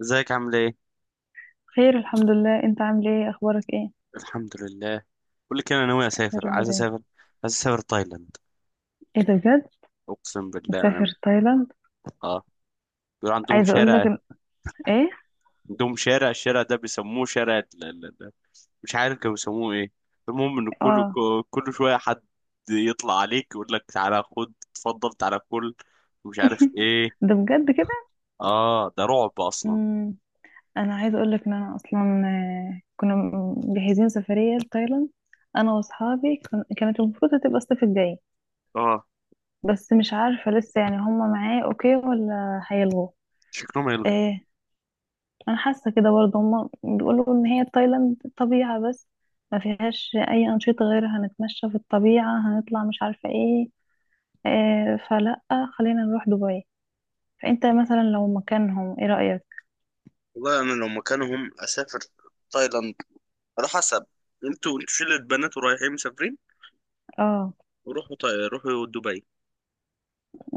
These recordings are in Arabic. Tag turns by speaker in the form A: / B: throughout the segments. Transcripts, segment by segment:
A: ازيك عامل ايه؟
B: خير، الحمد لله. انت عامل ايه؟ اخبارك ايه؟
A: الحمد لله. بقول لك انا ناوي
B: يا
A: اسافر،
B: رب
A: عايز
B: دايما.
A: اسافر عايز اسافر تايلاند.
B: ايه ده؟ بجد؟
A: اقسم بالله انا.
B: مسافر تايلاند؟
A: اه، بيقول عندهم
B: عايزه اقول لك
A: شارع.
B: ان... ايه؟
A: عندهم شارع، الشارع ده بيسموه شارع مش عارف كانوا بيسموه ايه. المهم ان كل
B: اه.
A: كل شويه حد يطلع عليك يقول لك تعالى خد اتفضل تعالى كل مش عارف ايه.
B: ده بجد كده؟
A: اه ده رعب اصلا.
B: امم انا عايزه اقول لك ان انا اصلا كنا مجهزين سفريه لتايلاند. انا واصحابي كانت المفروض هتبقى الصيف الجاي.
A: اه،
B: بس مش عارفه لسه يعني هم معايا اوكي ولا هيلغوا؟
A: شكلهم هيلغوا.
B: انا حاسه كده برضه، هما بيقولوا ان هي تايلاند طبيعه بس، ما فيهاش اي انشطه، غير هنتمشى في الطبيعه، هنطلع، مش عارفه ايه. آه، فلا، خلينا نروح دبي. فانت مثلا لو مكانهم، ايه رايك؟
A: والله انا لو مكانهم اسافر تايلاند، على حسب. انتوا شلة بنات ورايحين مسافرين،
B: اه.
A: روحوا روحوا دبي.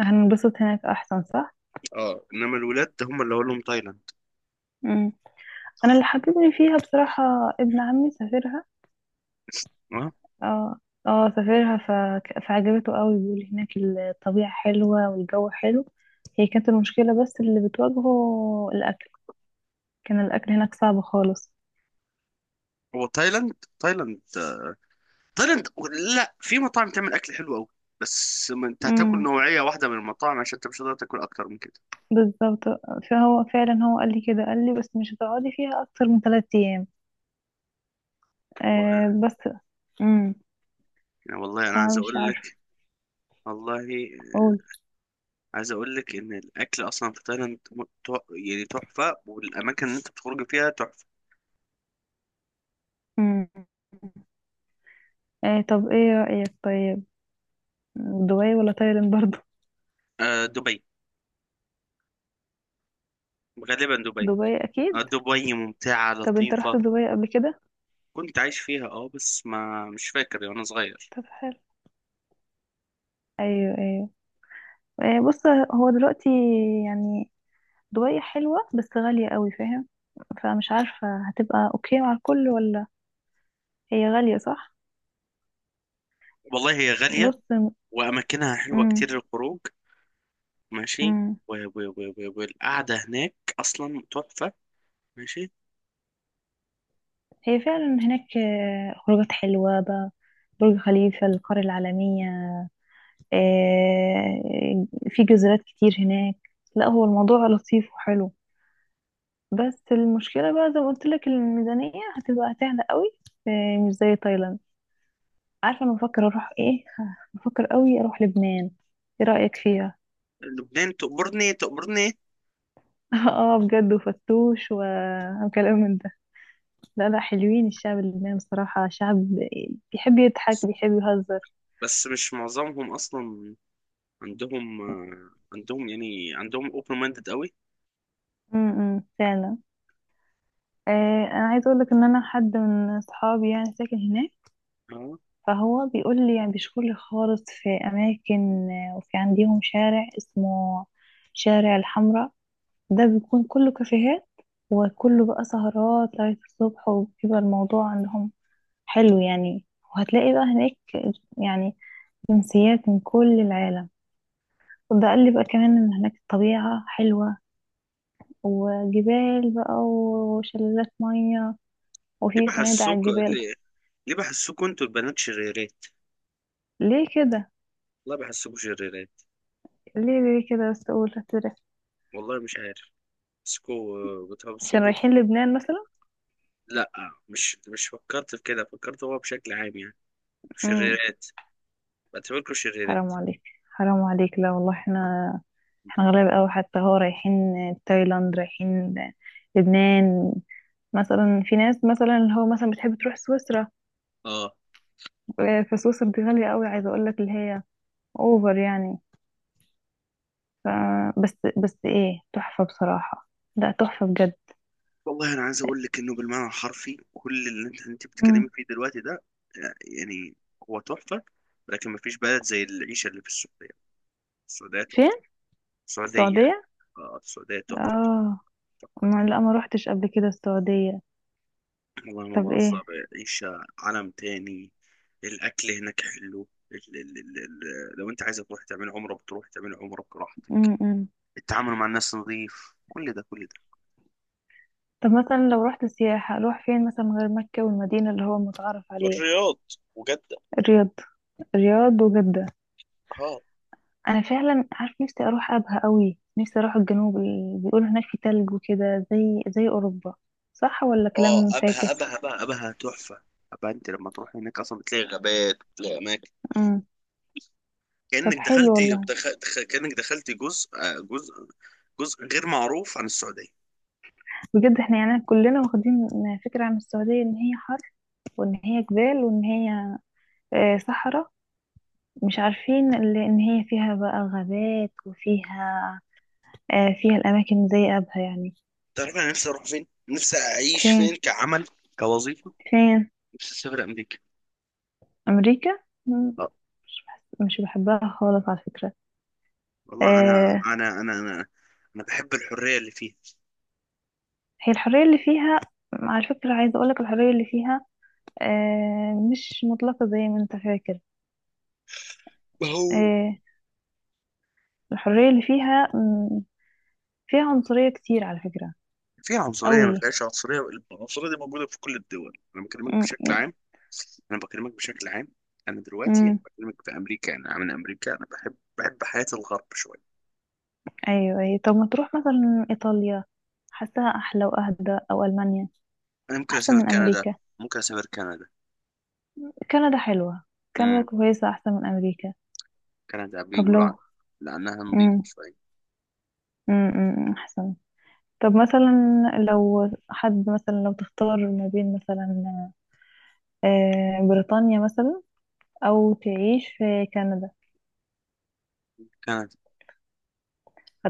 B: هننبسط هناك احسن، صح؟
A: اه، انما الولاد هم اللي اقول لهم تايلاند.
B: مم. انا اللي حببني فيها بصراحه، ابن عمي سافرها.
A: اه،
B: اه. اه، سافرها. فعجبته قوي، بيقول هناك الطبيعه حلوه والجو حلو. هي كانت المشكله بس اللي بتواجهه الاكل، كان الاكل هناك صعب خالص.
A: هو تايلاند تايلاند تايلاند. لا، في مطاعم تعمل اكل حلو قوي، بس ما انت هتاكل
B: امم،
A: نوعيه واحده من المطاعم عشان انت مش هتقدر تاكل اكتر من كده.
B: بالظبط. فهو فعلا، هو قال لي كده، قال لي بس مش هتقعدي فيها اكتر من 3 ايام.
A: والله.
B: آه، بس. امم.
A: يعني والله انا عايز
B: فمش
A: اقول
B: عارفه
A: لك. والله
B: اقول.
A: عايز اقول لك ان الاكل اصلا في تايلاند يعني تحفه، والاماكن اللي انت بتخرج فيها تحفه.
B: امم. آه، طب ايه رايك؟ طيب، دبي ولا تايلاند برضو؟
A: آه دبي، غالبا دبي.
B: دبي
A: آه
B: اكيد.
A: دبي ممتعه
B: طب انت
A: لطيفه.
B: رحت دبي قبل كده؟
A: كنت عايش فيها اه، بس ما مش فاكر يعني، وانا صغير.
B: طب حلو. ايوه، ايوه. آه، بص، هو دلوقتي يعني دبي حلوه بس غاليه قوي، فاهم؟ فمش عارفه هتبقى اوكي مع الكل ولا. هي غاليه، صح؟
A: والله هي غالية،
B: بص.
A: وأماكنها حلوة
B: امم.
A: كتير للخروج. ماشي. والقعدة هناك أصلا تحفة. ماشي.
B: هي فعلا هناك خروجات حلوة بقى، برج خليفة، القرية العالمية، آه، في جزيرات كتير هناك. لا هو الموضوع لطيف وحلو، بس المشكلة بقى زي ما قلت لك الميزانية هتبقى سهلة قوي، مش زي تايلاند. عارفة أنا بفكر أروح إيه؟ بفكر قوي أروح لبنان، إيه رأيك فيها؟
A: لبنان تأمرني تأمرني.
B: اه، بجد، وفتوش وكلام من ده. لا، لا، حلوين، الشعب اللبناني بصراحة شعب بيحب يضحك، بيحب يهزر.
A: بس مش معظمهم أصلا عندهم آه، عندهم يعني عندهم اوبن مايندد قوي.
B: امم، فعلا. آه، انا عايزه اقول لك ان انا حد من صحابي يعني ساكن هناك.
A: اه.
B: فهو بيقول لي يعني بيشكر خالص في اماكن، وفي عندهم شارع اسمه شارع الحمراء، ده بيكون كله كافيهات، وكله بقى سهرات لغايه الصبح، وبيبقى الموضوع عندهم حلو يعني. وهتلاقي بقى هناك يعني جنسيات من كل العالم. وده قال لي بقى كمان ان هناك الطبيعه حلوه، وجبال بقى وشلالات ميه،
A: ليه
B: وفي فنادق على
A: بحسوك
B: الجبال.
A: ليه, ليه بحسوكوا انتوا البنات شريرات؟
B: ليه كده؟
A: والله بحسوكوا شريرات.
B: ليه كده بس، اقول هتدرس.
A: والله مش عارف. بحسوكوا
B: عشان
A: بتحسوكوا
B: رايحين لبنان مثلا.
A: لا، مش فكرت في كده، فكرت هو بشكل عام يعني،
B: امم.
A: شريرات، بعتبركوا
B: حرام
A: شريرات.
B: عليك، حرام عليك، لا والله، احنا غلابة قوي، حتى هو رايحين تايلاند، رايحين لبنان، مثلا في ناس مثلا اللي هو مثلا بتحب تروح سويسرا.
A: اه.
B: فسويسرا دي غالية قوي، عايزة اقول لك اللي هي اوفر يعني. ف بس ايه تحفة بصراحة، لا تحفة بجد.
A: والله انا عايز اقول لك انه بالمعنى الحرفي كل اللي انت بتتكلمي
B: امم.
A: فيه دلوقتي ده يعني هو تحفه، لكن ما فيش بلد زي العيشه اللي في السعوديه. السعوديه تحفه.
B: فين؟
A: السعوديه.
B: السعودية؟
A: آه، السعوديه تحفه تحفه
B: اه،
A: تحفه
B: ما
A: تحفة.
B: لا، ما روحتش قبل كده السعودية.
A: والله ما
B: طب
A: بهزر.
B: ايه؟
A: عيشه عالم تاني. الاكل هناك حلو. لو انت عايز تروح تعمل عمره بتروح تعمل عمره براحتك.
B: امم.
A: التعامل مع الناس نظيف، كل ده كل ده.
B: طب مثلا لو رحت سياحة، اروح فين مثلا غير مكة والمدينة اللي هو متعارف عليه؟
A: الرياض وجدة.
B: الرياض الرياض، وجدة.
A: اه
B: انا فعلا عارف نفسي اروح ابها قوي، نفسي اروح الجنوب، بيقولوا هناك في تلج وكده زي اوروبا. صح ولا
A: اه.
B: كلام
A: ابها
B: فاكس؟
A: ابها بقى ابها تحفه. ابها انت لما تروح هناك اصلا بتلاقي غابات، بتلاقي اماكن
B: امم. طب
A: كانك
B: حلو
A: دخلت.
B: والله.
A: كانك دخلت جزء آه، جزء جزء غير معروف عن السعوديه.
B: بجد احنا يعني كلنا واخدين فكرة عن السعودية ان هي حر، وان هي جبال، وان هي صحراء. مش عارفين ان هي فيها بقى غابات، وفيها آه، فيها الاماكن زي ابها يعني.
A: تعرف انا نفسي اروح فين، نفسي اعيش فين
B: فين؟
A: كعمل، كوظيفه.
B: فين؟
A: نفسي اسافر امريكا.
B: أمريكا؟ مم.
A: لا
B: مش بحبها خالص على فكرة.
A: والله
B: آه.
A: أنا بحب الحريه اللي فيها.
B: هي الحرية اللي فيها، على فكرة عايزة أقولك الحرية اللي فيها مش مطلقة زي ما أنت فاكر.
A: هو.
B: آه. الحرية اللي فيها فيها عنصرية كتير على فكرة.
A: فيها عنصرية، ما
B: أوي.
A: فيهاش عنصرية. العنصرية دي موجودة في كل الدول، أنا بكلمك
B: مم،
A: بشكل عام. أنا بكلمك بشكل عام. أنا دلوقتي
B: مم،
A: بكلمك في أمريكا، أنا من أمريكا، أنا بحب حياة الغرب شوية.
B: أيوة، أيوة، طب ما تروح مثلا إيطاليا، حاساها أحلى وأهدى، أو ألمانيا؟
A: أنا ممكن
B: أحسن
A: أسافر
B: من
A: كندا.
B: أمريكا.
A: ممكن أسافر كندا.
B: كندا حلوة، كندا
A: امم
B: كويسة أحسن من أمريكا.
A: كندا
B: طب
A: بيقولوا عن،
B: لو.
A: لأنها نظيفة
B: مم،
A: شوية.
B: مم، مم، أحسن. طب مثلا لو حد مثلا لو تختار ما بين مثلا بريطانيا مثلا، أو تعيش في كندا؟
A: كندا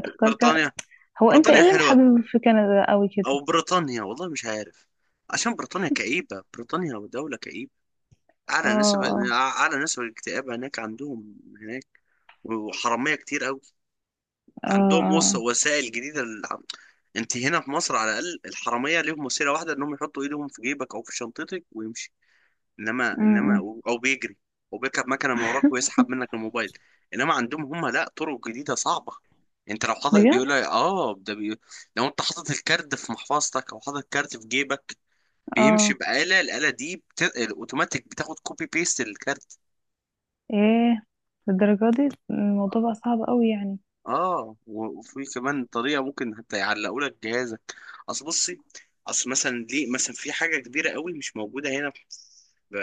B: كندا؟
A: بريطانيا.
B: هو أنت إيه
A: بريطانيا
B: اللي
A: حلوة.
B: محبب في كندا أوي كده؟
A: أو بريطانيا، والله مش عارف. عشان بريطانيا كئيبة، بريطانيا دولة كئيبة. أعلى نسبة
B: اه.
A: أعلى نسبة الاكتئاب هناك، عندهم هناك. وحرامية كتير أوي.
B: اه،
A: عندهم
B: اه، آه.
A: وسائل جديده انت هنا في مصر على الاقل الحراميه ليهم وسيله واحده، انهم يحطوا ايدهم في جيبك او في شنطتك ويمشي. انما
B: م-
A: انما
B: م.
A: او بيجري، او بيركب مكنه من وراك ويسحب منك الموبايل. انما عندهم هم لا، طرق جديده صعبه. انت لو حاطط،
B: بجد؟
A: بيقول لك اه ده لو انت حاطط الكارد في محفظتك، او حاطط الكارد في جيبك، بيمشي
B: اه،
A: بآلة. الآلة دي الاوتوماتيك بتاخد كوبي بيست للكارد.
B: ايه؟ للدرجة دي الموضوع بقى صعب أوي يعني؟
A: اه، وفي كمان طريقه ممكن حتى يعلقوا لك جهازك. اصل بصي، اصل مثلا ليه مثلا في حاجه كبيره قوي مش موجوده هنا في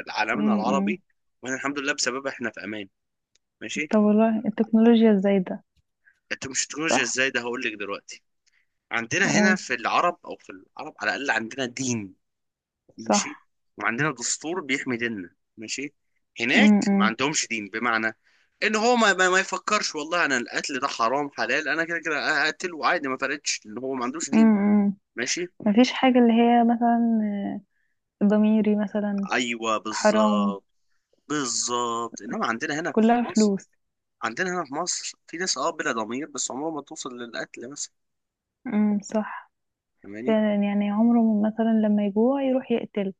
A: عالمنا
B: م- م.
A: العربي، واحنا الحمد لله بسببها احنا في امان. ماشي.
B: طب والله التكنولوجيا الزايدة.
A: انت مش تكنولوجيا،
B: صح.
A: ازاي ده هقول لك دلوقتي. عندنا هنا
B: قول.
A: في العرب، او في العرب على الاقل عندنا دين. ماشي.
B: صح.
A: وعندنا دستور بيحمي ديننا. ماشي. هناك ما
B: امم،
A: عندهمش دين، بمعنى ان هو ما يفكرش والله انا القتل ده حرام حلال، انا كده كده هقتل وعادي، ما فرقتش ان هو ما عندوش دين.
B: امم.
A: ماشي.
B: مفيش حاجة اللي هي مثلا، ضميري مثلا،
A: ايوه
B: حرام.
A: بالظبط. بالظبط انما عندنا هنا في
B: كلها
A: مصر
B: فلوس.
A: عندنا هنا في مصر في ناس بلا ضمير، بس عمرهم ما توصل للقتل مثلا،
B: امم، صح.
A: فاهماني.
B: فعلا يعني عمره ما مثلا لما يجوع يروح يقتل.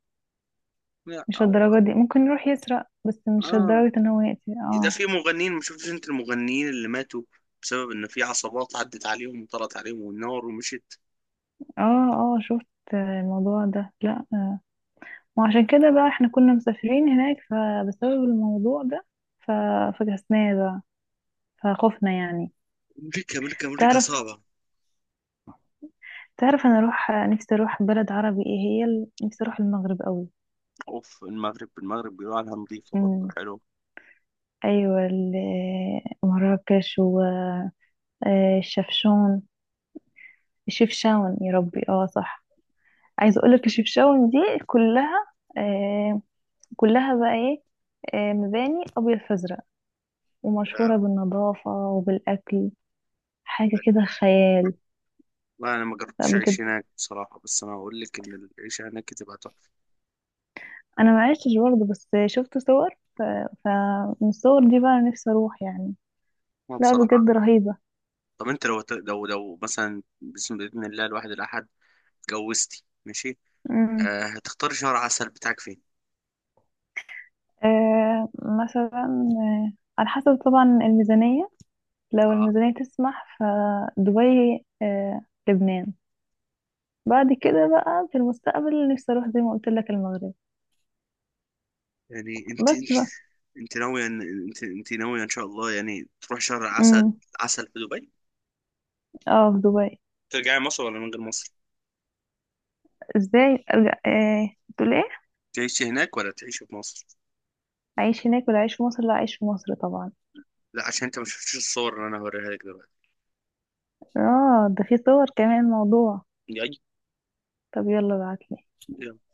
A: لا،
B: مش
A: او.
B: الدرجة دي، ممكن يروح يسرق بس مش
A: اه،
B: لدرجة ان هو يقتل،
A: ده
B: اه.
A: في مغنيين ما شفتش انت المغنيين اللي ماتوا بسبب ان في عصابات عدت عليهم وطلعت عليهم والنار ومشت.
B: اه، اه، شفت الموضوع ده. لا، آه. وعشان كده بقى احنا كنا مسافرين هناك فبسبب الموضوع ده ف- فكسناه بقى، فخفنا يعني.
A: امريكا امريكا امريكا
B: تعرف،
A: صعبه.
B: تعرف انا اروح نفسي اروح بلد عربي، ايه هي نفسي اروح المغرب قوي.
A: اوف المغرب. المغرب بيقولوا عليها نظيفه برضه،
B: امم.
A: حلو.
B: ايوه، مراكش والشفشون. الشفشاون، يا ربي، اه، صح. عايزه اقول لك الشفشاون دي كلها آه كلها بقى ايه، مباني ابيض فازرق،
A: لا.
B: ومشهوره بالنظافه وبالاكل. حاجه كده خيال.
A: لا، انا ما
B: لا،
A: جربتش
B: بجد.
A: اعيش هناك بصراحه، بس انا هقول لك ان العيشه هناك تبقى تحفه.
B: انا ما عشتش برضه بس شفت صور، ف... فمن الصور دي بقى نفسي اروح يعني.
A: أنا
B: لا،
A: بصراحه.
B: بجد رهيبه.
A: طب انت لو مثلا، بسم باذن الله الواحد الاحد اتجوزتي ماشي،
B: امم.
A: آه هتختاري شهر عسل بتاعك فين؟
B: آه، مثلا. آه، على حسب طبعا الميزانيه، لو
A: اه.
B: الميزانيه تسمح فدبي. لبنان. بعد كده بقى في المستقبل نفسي اروح زي ما قلت لك المغرب.
A: يعني انت
B: بس
A: انت،
B: بقى.
A: انت ناويه ان انت ناويه ان شاء الله يعني تروح شهر عسل،
B: امم.
A: عسل في دبي.
B: اه، في دبي.
A: ترجعي مصر ولا من غير مصر؟
B: ازاي ارجع؟ ايه تقول؟ ايه؟
A: تعيشي هناك ولا تعيشي في مصر؟
B: اعيش هناك ولا اعيش في مصر؟ لا، اعيش في مصر طبعا.
A: لا، عشان انت ما شفتش الصور اللي انا هوريها لك دلوقتي.
B: اه، ده في صور كمان الموضوع؟ طب يلا ابعتلي.
A: اي.